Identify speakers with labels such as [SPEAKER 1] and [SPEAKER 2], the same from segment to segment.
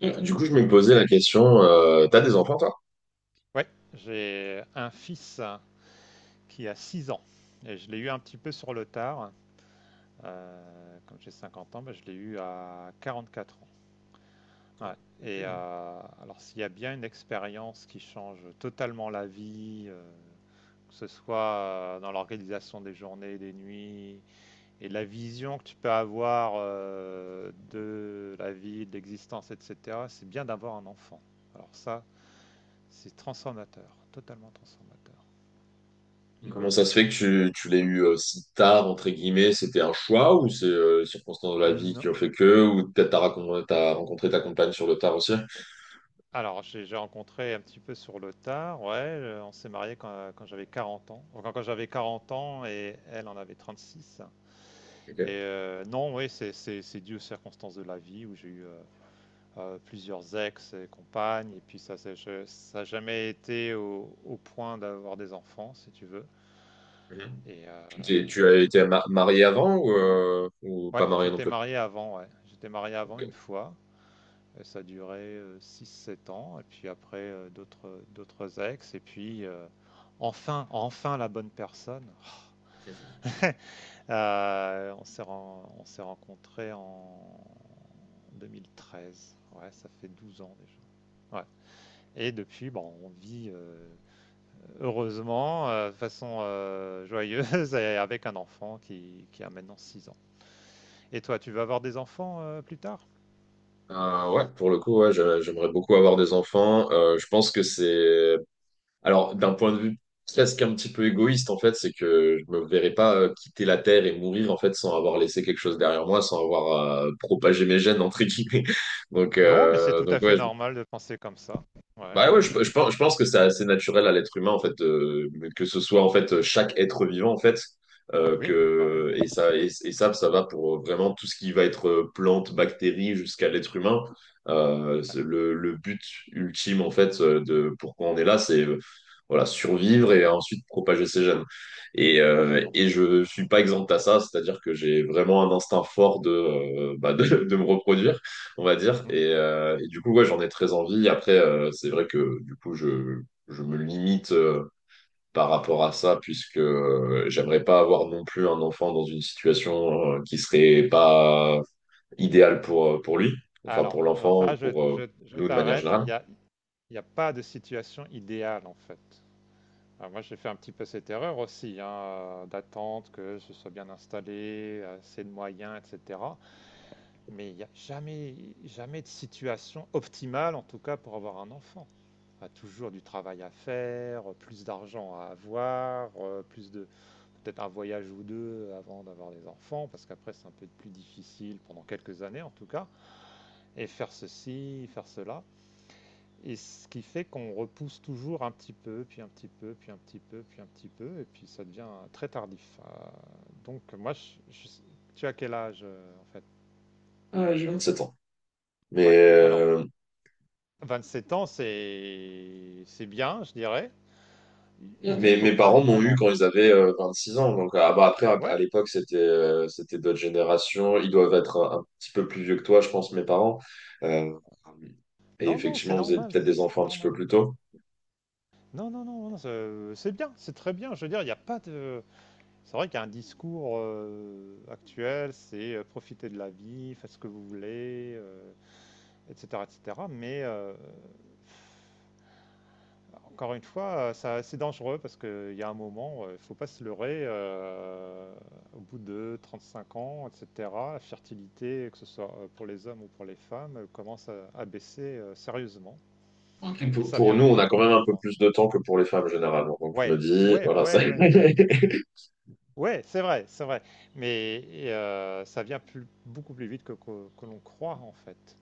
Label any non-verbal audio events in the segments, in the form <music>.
[SPEAKER 1] Mm. Du coup, je me posais la question, t'as des enfants, toi?
[SPEAKER 2] Ouais, j'ai un fils qui a 6 ans, et je l'ai eu un petit peu sur le tard. Comme j'ai 50 ans, je l'ai eu à 44 ans. Ouais.
[SPEAKER 1] Ok.
[SPEAKER 2] Alors, s'il y a bien une expérience qui change totalement la vie, que ce soit dans l'organisation des journées, des nuits, et la vision que tu peux avoir de la vie, de l'existence, etc., c'est bien d'avoir un enfant. Alors ça, c'est transformateur, totalement transformateur. Hmm.
[SPEAKER 1] Comment ça se fait que tu l'aies eu si tard, entre guillemets, c'était un choix ou c'est les circonstances de la vie qui
[SPEAKER 2] Non.
[SPEAKER 1] ont fait que, ou peut-être t'as rencontré ta compagne sur le tard aussi?
[SPEAKER 2] Alors, j'ai rencontré un petit peu sur le tard, ouais, on s'est marié quand j'avais 40 ans. Enfin, quand j'avais 40 ans et elle en avait 36.
[SPEAKER 1] Ok.
[SPEAKER 2] Non, oui, c'est dû aux circonstances de la vie où j'ai eu, plusieurs ex et compagnes, et puis ça s'est je ça n'a jamais été au point d'avoir des enfants, si tu veux.
[SPEAKER 1] Mhm.
[SPEAKER 2] et heu,
[SPEAKER 1] Tu as été marié avant ou pas
[SPEAKER 2] ouais,
[SPEAKER 1] marié non
[SPEAKER 2] j'étais
[SPEAKER 1] plus?
[SPEAKER 2] marié avant, ouais, j'étais marié avant
[SPEAKER 1] Ok.
[SPEAKER 2] une fois. Et ça a duré 6-7 ans, et puis après d'autres, d'autres ex, et puis enfin la bonne personne. On s'est, on s'est rencontrés en 2013, ouais, ça fait 12 ans déjà. Ouais. Et depuis, bon, on vit heureusement, de façon joyeuse, <laughs> et avec un enfant qui a maintenant 6 ans. Et toi, tu veux avoir des enfants plus tard?
[SPEAKER 1] Ouais, pour le coup, ouais, j'aimerais beaucoup avoir des enfants. Je pense que c'est. Alors, d'un point de vue presque un petit peu égoïste, en fait, c'est que je me verrais pas quitter la Terre et mourir, en fait, sans avoir laissé quelque chose derrière moi, sans avoir propagé mes gènes, entre guillemets. <laughs> Donc,
[SPEAKER 2] Non, mais c'est
[SPEAKER 1] euh,
[SPEAKER 2] tout
[SPEAKER 1] donc
[SPEAKER 2] à fait
[SPEAKER 1] ouais,
[SPEAKER 2] normal de penser comme ça. Ouais,
[SPEAKER 1] bah ouais, je pense, je pense que c'est assez naturel à l'être humain, en fait, que ce soit, en fait, chaque être vivant, en fait,
[SPEAKER 2] oui, bah oui,
[SPEAKER 1] que, et ça, et ça va pour vraiment tout ce qui va être plante, bactérie, jusqu'à l'être humain.
[SPEAKER 2] ouais,
[SPEAKER 1] C'est le but ultime, en fait, de pourquoi on est là, c'est voilà, survivre et ensuite propager ses gènes. Et, euh,
[SPEAKER 2] absolument.
[SPEAKER 1] et je suis pas exempt à ça, c'est-à-dire que j'ai vraiment un instinct fort de, bah, de me reproduire on va dire.
[SPEAKER 2] Mmh.
[SPEAKER 1] Et du coup, ouais, j'en ai très envie. Après, c'est vrai que du coup, je me limite par rapport à ça, puisque j'aimerais pas avoir non plus un enfant dans une situation qui serait pas idéale pour lui, enfin
[SPEAKER 2] Alors,
[SPEAKER 1] pour
[SPEAKER 2] alors
[SPEAKER 1] l'enfant, ou
[SPEAKER 2] ça, je
[SPEAKER 1] pour
[SPEAKER 2] je je
[SPEAKER 1] nous de manière
[SPEAKER 2] t'arrête,
[SPEAKER 1] générale.
[SPEAKER 2] il y a pas de situation idéale, en fait. Alors moi, j'ai fait un petit peu cette erreur aussi, hein, d'attendre que je sois bien installé, assez de moyens et cetera. Mais il y a jamais de situation optimale, en tout cas pour avoir un enfant. Il y a toujours du travail à faire, plus d'argent à avoir, plus de peut-être un voyage ou 2 avant d'avoir des enfants, parce qu'après c'est un peu plus difficile pendant quelques années en tout cas, et faire ceci, faire cela. Et ce qui fait qu'on repousse toujours un petit peu, puis un petit peu, puis un petit peu, puis un petit peu, et puis ça devient très tardif. Donc, tu as quel âge en fait?
[SPEAKER 1] J'ai 27 ans. Mais,
[SPEAKER 2] Ouais. Alors, 27 ans, c'est bien, je dirais.
[SPEAKER 1] Mm.
[SPEAKER 2] Je dis, il
[SPEAKER 1] Mes,
[SPEAKER 2] faut
[SPEAKER 1] mes
[SPEAKER 2] pas
[SPEAKER 1] parents m'ont
[SPEAKER 2] attendre
[SPEAKER 1] eu
[SPEAKER 2] en
[SPEAKER 1] quand
[SPEAKER 2] fait.
[SPEAKER 1] ils avaient 6 ans. Donc, ah bah, après, à
[SPEAKER 2] Ouais.
[SPEAKER 1] l'époque, c'était c'était d'autres générations. Ils doivent être un petit peu plus vieux que toi, je pense, mes parents. Euh, et
[SPEAKER 2] Non, non, c'est
[SPEAKER 1] effectivement, vous êtes
[SPEAKER 2] normal,
[SPEAKER 1] peut-être des
[SPEAKER 2] c'est
[SPEAKER 1] enfants un petit peu
[SPEAKER 2] normal.
[SPEAKER 1] plus tôt.
[SPEAKER 2] Non, non, non, non, c'est bien, c'est très bien. Je veux dire, il n'y a pas de. C'est vrai qu'il y a un discours actuel, c'est profiter de la vie, faites ce que vous voulez, etc., etc. Mais encore une fois, ça, c'est dangereux parce qu'il y a un moment, il ne faut pas se leurrer. Au bout de 35 ans, etc., la fertilité, que ce soit pour les hommes ou pour les femmes, commence à baisser sérieusement.
[SPEAKER 1] Ok.
[SPEAKER 2] Et
[SPEAKER 1] Pour,
[SPEAKER 2] ça
[SPEAKER 1] pour
[SPEAKER 2] vient
[SPEAKER 1] nous,
[SPEAKER 2] plus
[SPEAKER 1] on a
[SPEAKER 2] vite
[SPEAKER 1] quand
[SPEAKER 2] que
[SPEAKER 1] même
[SPEAKER 2] l'on
[SPEAKER 1] un peu
[SPEAKER 2] croit.
[SPEAKER 1] plus de temps que pour les femmes généralement. Donc, je me
[SPEAKER 2] Ouais,
[SPEAKER 1] dis,
[SPEAKER 2] ouais,
[SPEAKER 1] voilà, ça.
[SPEAKER 2] ouais,
[SPEAKER 1] <laughs>
[SPEAKER 2] ouais. Ouais, c'est vrai, c'est vrai. Mais ça vient plus, beaucoup plus vite que l'on croit, en fait.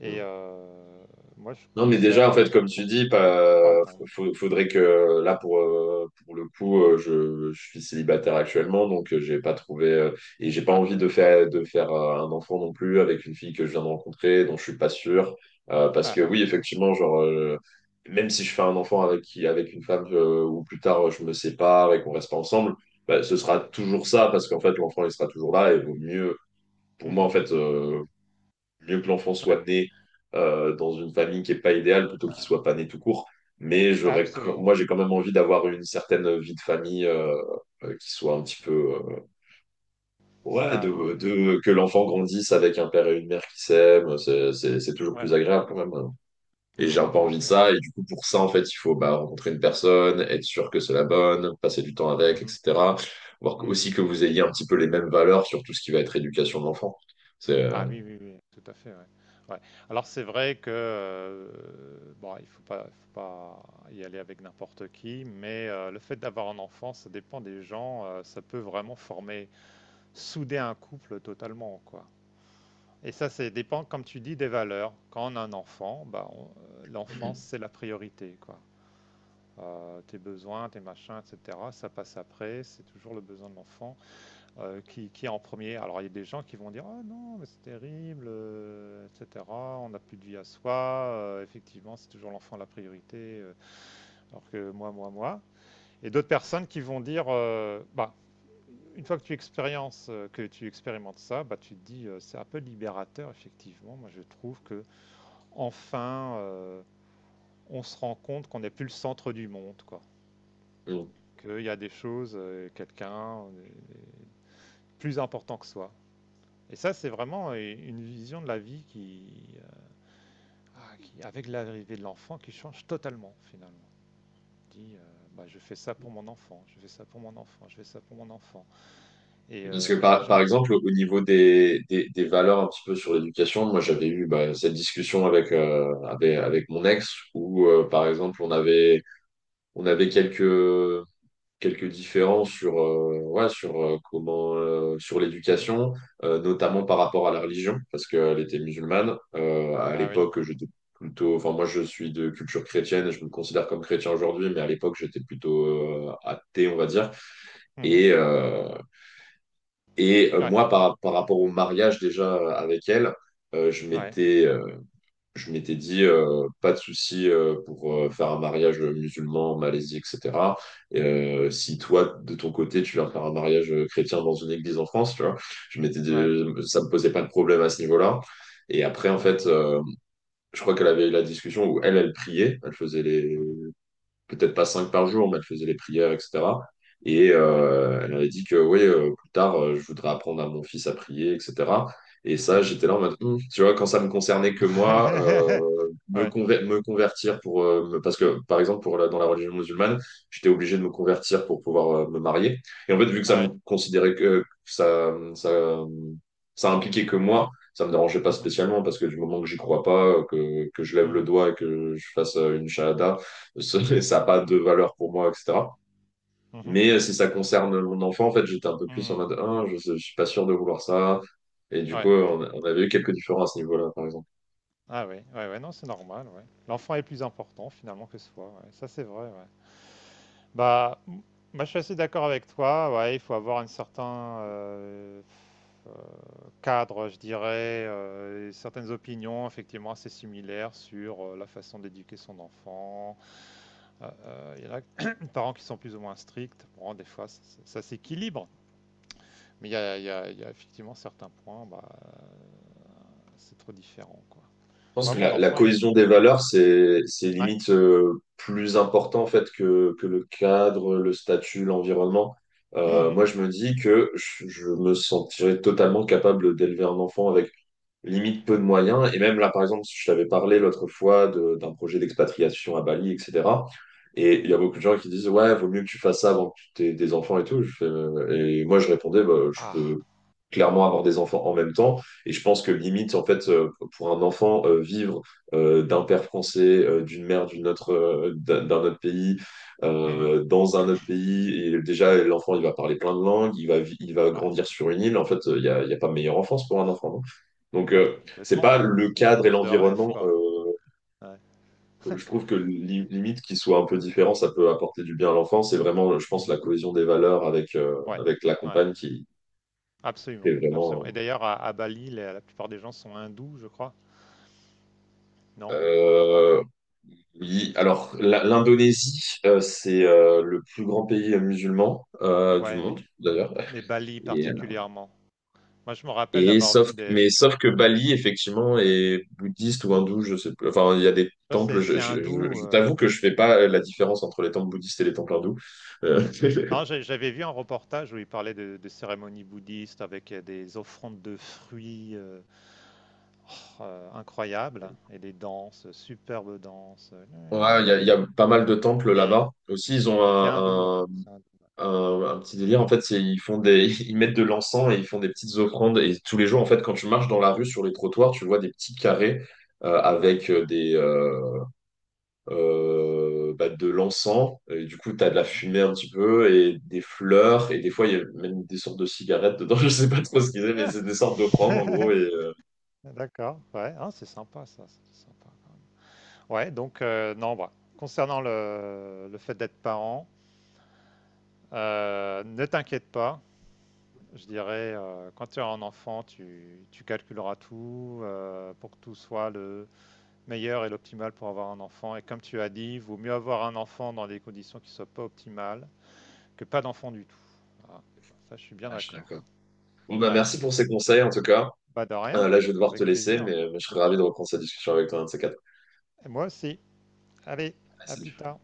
[SPEAKER 2] Et
[SPEAKER 1] Mm.
[SPEAKER 2] euh, moi, je
[SPEAKER 1] Non, mais déjà, en
[SPEAKER 2] conseille,
[SPEAKER 1] fait, comme tu dis,
[SPEAKER 2] ouais, faut pas
[SPEAKER 1] pas,
[SPEAKER 2] attendre.
[SPEAKER 1] faudrait que là, pour le coup, je suis célibataire actuellement, donc j'ai pas trouvé et j'ai pas
[SPEAKER 2] Ah,
[SPEAKER 1] envie de
[SPEAKER 2] ouais.
[SPEAKER 1] faire un enfant non plus avec une fille que je viens de rencontrer, dont je suis pas sûr. Parce
[SPEAKER 2] Ah,
[SPEAKER 1] que
[SPEAKER 2] ah.
[SPEAKER 1] oui, effectivement, genre même si je fais un enfant avec une femme ou plus tard je me sépare et qu'on reste pas ensemble, bah, ce
[SPEAKER 2] Ah
[SPEAKER 1] sera
[SPEAKER 2] oui.
[SPEAKER 1] toujours ça parce qu'en fait, l'enfant il sera toujours là et vaut mieux. Pour moi,
[SPEAKER 2] Mhm.
[SPEAKER 1] en fait mieux que l'enfant
[SPEAKER 2] Ouais,
[SPEAKER 1] soit né dans une famille qui n'est pas idéale plutôt qu'il soit pas né tout court. Mais j'aurais,
[SPEAKER 2] absolument.
[SPEAKER 1] moi, j'ai quand même envie d'avoir une certaine vie de famille qui soit un petit peu ouais,
[SPEAKER 2] Stable.
[SPEAKER 1] de, que
[SPEAKER 2] Ouais.
[SPEAKER 1] l'enfant grandisse avec un père et une mère qui s'aiment. C'est toujours plus
[SPEAKER 2] Ouais.
[SPEAKER 1] agréable quand même, hein. Et
[SPEAKER 2] Ah
[SPEAKER 1] j'ai un
[SPEAKER 2] bah
[SPEAKER 1] peu
[SPEAKER 2] bien
[SPEAKER 1] envie de
[SPEAKER 2] sûr. Ouais.
[SPEAKER 1] ça. Et du coup, pour ça, en fait, il faut bah, rencontrer une personne, être sûr que c'est la bonne, passer du temps avec,
[SPEAKER 2] Mhm.
[SPEAKER 1] etc. Voir
[SPEAKER 2] Mhm.
[SPEAKER 1] aussi que vous ayez un petit peu les mêmes valeurs sur tout ce qui va être éducation de l'enfant. C'est.
[SPEAKER 2] Ah oui, oui, oui, tout à fait. Ouais. Ouais. Alors c'est vrai que bon, il faut pas y aller avec n'importe qui, mais le fait d'avoir un enfant, ça dépend des gens. Ça peut vraiment former, souder un couple totalement, quoi. Et ça dépend, comme tu dis, des valeurs. Quand on a un enfant, bah, l'enfant, c'est la priorité, quoi. Tes besoins, tes machins, etc. Ça passe après, c'est toujours le besoin de l'enfant qui est en premier. Alors il y a des gens qui vont dire: «Ah non, mais c'est terrible, etc. On n'a plus de vie à soi, effectivement, c'est toujours l'enfant la priorité, alors que moi, moi, moi.» Et d'autres personnes qui vont dire: «Bah, une fois que tu expérimentes ça, bah, tu te dis c'est un peu libérateur, effectivement.» Moi, je trouve que enfin, euh, on se rend compte qu'on n'est plus le centre du monde, quoi.
[SPEAKER 1] Euh,
[SPEAKER 2] Qu'il y a des choses, quelqu'un plus important que soi. Et ça, c'est vraiment une vision de la vie qui, qui, avec l'arrivée de l'enfant, qui change totalement finalement. Dit, bah, je fais ça pour mon enfant, je fais ça pour mon enfant, je fais ça pour mon enfant. Et,
[SPEAKER 1] Parce que
[SPEAKER 2] des
[SPEAKER 1] par,
[SPEAKER 2] gens.
[SPEAKER 1] par exemple, au niveau des valeurs un petit peu sur l'éducation, moi j'avais eu bah, cette discussion avec mon ex où par exemple on avait quelques différences sur, ouais, sur, comment, sur
[SPEAKER 2] Mhm.
[SPEAKER 1] l'éducation, notamment
[SPEAKER 2] Ouais,
[SPEAKER 1] par rapport à la religion, parce qu'elle était
[SPEAKER 2] ouais,
[SPEAKER 1] musulmane. À
[SPEAKER 2] ah oui.
[SPEAKER 1] l'époque, j'étais plutôt, enfin moi je suis de culture chrétienne et je me considère comme chrétien aujourd'hui, mais à l'époque j'étais plutôt athée, on va dire.
[SPEAKER 2] Mhm.
[SPEAKER 1] Et, euh,
[SPEAKER 2] Ouais,
[SPEAKER 1] Moi, par rapport au mariage déjà avec elle, euh, je
[SPEAKER 2] ouais,
[SPEAKER 1] m'étais euh, je m'étais dit pas de souci pour faire un mariage musulman en Malaisie, etc. Si toi, de ton côté, tu veux faire un mariage chrétien dans une église en France, tu vois, je m'étais dit
[SPEAKER 2] ouais,
[SPEAKER 1] ça me posait pas de problème à ce niveau-là. Et après, en
[SPEAKER 2] ouais.
[SPEAKER 1] fait je crois qu'elle avait eu la discussion où elle priait, elle faisait les,
[SPEAKER 2] Mhm.
[SPEAKER 1] peut-être pas cinq par jour, mais elle faisait les prières, etc. Et
[SPEAKER 2] Ouais.
[SPEAKER 1] euh, elle avait dit que oui plus tard je voudrais apprendre à mon fils à prier, etc. Et ça,
[SPEAKER 2] Mhm.
[SPEAKER 1] j'étais là en mode, tu vois, quand ça me concernait que moi
[SPEAKER 2] <laughs> Ouais,
[SPEAKER 1] me convertir pour parce que par exemple, dans la religion musulmane, j'étais obligé de me convertir pour pouvoir me marier. Et en fait, vu que ça me
[SPEAKER 2] ouais.
[SPEAKER 1] considérait que ça impliquait que moi, ça me dérangeait pas
[SPEAKER 2] Mhm.
[SPEAKER 1] spécialement parce que du moment que j'y crois pas que je lève le
[SPEAKER 2] Mhm.
[SPEAKER 1] doigt et que je fasse une shahada, ça n'a
[SPEAKER 2] Mhm.
[SPEAKER 1] pas de valeur pour moi, etc.
[SPEAKER 2] Mhm.
[SPEAKER 1] Mais si ça concerne mon enfant, en fait, j'étais un peu plus en
[SPEAKER 2] Mhm.
[SPEAKER 1] mode, ah, je suis pas sûr de vouloir ça. Et du
[SPEAKER 2] Ouais.
[SPEAKER 1] coup, on avait eu quelques différences à ce niveau-là, par exemple.
[SPEAKER 2] Ah oui, ouais, ouais, non, c'est normal, ouais. L'enfant est plus important finalement que soi, ouais. Ça c'est vrai, ouais. Bah, m- Moi, je suis assez d'accord avec toi, ouais, il faut avoir un certain cadre, je dirais, et certaines opinions effectivement assez similaires sur la façon d'éduquer son enfant. Il y en a <coughs> <clears throat> des parents qui sont plus ou moins stricts, bon, des fois ça s'équilibre, mais il y a effectivement certains points, bah, c'est trop différent, quoi.
[SPEAKER 1] Je pense
[SPEAKER 2] Moi,
[SPEAKER 1] que
[SPEAKER 2] mon
[SPEAKER 1] la
[SPEAKER 2] enfant, il a...
[SPEAKER 1] cohésion des
[SPEAKER 2] Ouais.
[SPEAKER 1] valeurs, c'est
[SPEAKER 2] Ouais.
[SPEAKER 1] limite plus important en fait que le cadre, le statut, l'environnement. Moi,
[SPEAKER 2] Mhm.
[SPEAKER 1] je, me dis que je me sentirais totalement capable d'élever un enfant avec limite peu de moyens. Et même là, par exemple, je t'avais parlé l'autre fois d'un projet d'expatriation à Bali, etc. Et il y a
[SPEAKER 2] Mmh.
[SPEAKER 1] beaucoup de gens qui disent, ouais, vaut mieux que tu fasses ça avant que tu aies des enfants et tout. Je fais, Et moi, je répondais, bah, je
[SPEAKER 2] Ah!
[SPEAKER 1] peux clairement avoir des enfants en même temps. Et je pense que
[SPEAKER 2] Oui.
[SPEAKER 1] limite, en fait pour un enfant vivre d'un père français, d'une mère d'une autre d'un autre pays,
[SPEAKER 2] Mmh.
[SPEAKER 1] dans un autre pays, et déjà, l'enfant, il va parler plein de langues, il va grandir
[SPEAKER 2] Ouais.
[SPEAKER 1] sur une île. En fait il y a pas meilleure enfance pour un enfant, donc
[SPEAKER 2] Oh bah,
[SPEAKER 1] c'est pas
[SPEAKER 2] complètement,
[SPEAKER 1] le cadre et
[SPEAKER 2] enfance de rêve,
[SPEAKER 1] l'environnement.
[SPEAKER 2] quoi.
[SPEAKER 1] euh,
[SPEAKER 2] Ouais.
[SPEAKER 1] je trouve que limite qu'il soit un peu différent, ça peut apporter du bien à l'enfant. C'est vraiment, je pense, la
[SPEAKER 2] Mmh.
[SPEAKER 1] cohésion des valeurs avec, euh,
[SPEAKER 2] Ouais.
[SPEAKER 1] avec la
[SPEAKER 2] Ouais,
[SPEAKER 1] compagne
[SPEAKER 2] ouais.
[SPEAKER 1] qui est
[SPEAKER 2] Absolument, absolument,
[SPEAKER 1] vraiment.
[SPEAKER 2] et d'ailleurs à Bali, la plupart des gens sont hindous, je crois, non?
[SPEAKER 1] euh, euh, oui,
[SPEAKER 2] Ils sont
[SPEAKER 1] alors l'Indonésie c'est le plus grand pays musulman du
[SPEAKER 2] ouais,
[SPEAKER 1] monde, d'ailleurs.
[SPEAKER 2] mais Bali
[SPEAKER 1] Et euh,
[SPEAKER 2] particulièrement. Moi, je me rappelle d'avoir vu des
[SPEAKER 1] Sauf que Bali, effectivement,
[SPEAKER 2] ouais.
[SPEAKER 1] est bouddhiste ou hindou, je sais plus. Enfin, il y a des
[SPEAKER 2] Tu vois,
[SPEAKER 1] temples,
[SPEAKER 2] c'est c'est hindou,
[SPEAKER 1] je t'avoue que je fais pas la différence entre les temples bouddhistes et les temples hindous. Euh, <laughs>
[SPEAKER 2] non, j'avais vu un reportage où il parlait de cérémonies bouddhistes avec, des offrandes de fruits, incroyables, et des danses, superbes danses.
[SPEAKER 1] ouais, il y a pas mal de temples
[SPEAKER 2] Et,
[SPEAKER 1] là-bas. Aussi, ils ont
[SPEAKER 2] et c'est hindou, ouais.
[SPEAKER 1] un, un,
[SPEAKER 2] C'est hindou,
[SPEAKER 1] un,
[SPEAKER 2] ouais.
[SPEAKER 1] un petit délire. En fait, ils font des, <laughs> ils mettent de l'encens et ils font des petites offrandes. Et tous les jours, en fait, quand tu marches dans la rue, sur les trottoirs, tu vois des petits carrés
[SPEAKER 2] Ouais.
[SPEAKER 1] avec bah, de l'encens. Et du coup, tu as de la
[SPEAKER 2] Mhm.
[SPEAKER 1] fumée un petit peu et des fleurs. Et des fois, il y a même des sortes de cigarettes dedans. <laughs> Je sais pas trop ce qu'ils aiment, mais
[SPEAKER 2] Ah,
[SPEAKER 1] c'est des sortes d'offrandes en gros. Et, euh,
[SPEAKER 2] d'accord, ouais. Ah, c'est sympa ça, c'est sympa quand même. Ouais, donc non, bah, concernant le fait d'être parent, ne t'inquiète pas, je dirais, quand tu as un enfant, tu calculeras tout pour que tout soit le meilleur et l'optimal pour avoir un enfant. Et comme tu as dit, vaut mieux avoir un enfant dans des conditions qui ne soient pas optimales que pas d'enfant du tout. Voilà. Ça, je suis bien
[SPEAKER 1] ah, je suis
[SPEAKER 2] d'accord.
[SPEAKER 1] d'accord. Bon, bah,
[SPEAKER 2] Ouais,
[SPEAKER 1] merci pour ces conseils en tout cas.
[SPEAKER 2] pas de
[SPEAKER 1] Euh,
[SPEAKER 2] rien,
[SPEAKER 1] là, je vais devoir te
[SPEAKER 2] avec
[SPEAKER 1] laisser,
[SPEAKER 2] plaisir.
[SPEAKER 1] mais je serais ravi de reprendre cette discussion avec toi un de ces quatre.
[SPEAKER 2] Et moi aussi. Allez,
[SPEAKER 1] Ah,
[SPEAKER 2] à plus
[SPEAKER 1] salut.
[SPEAKER 2] tard.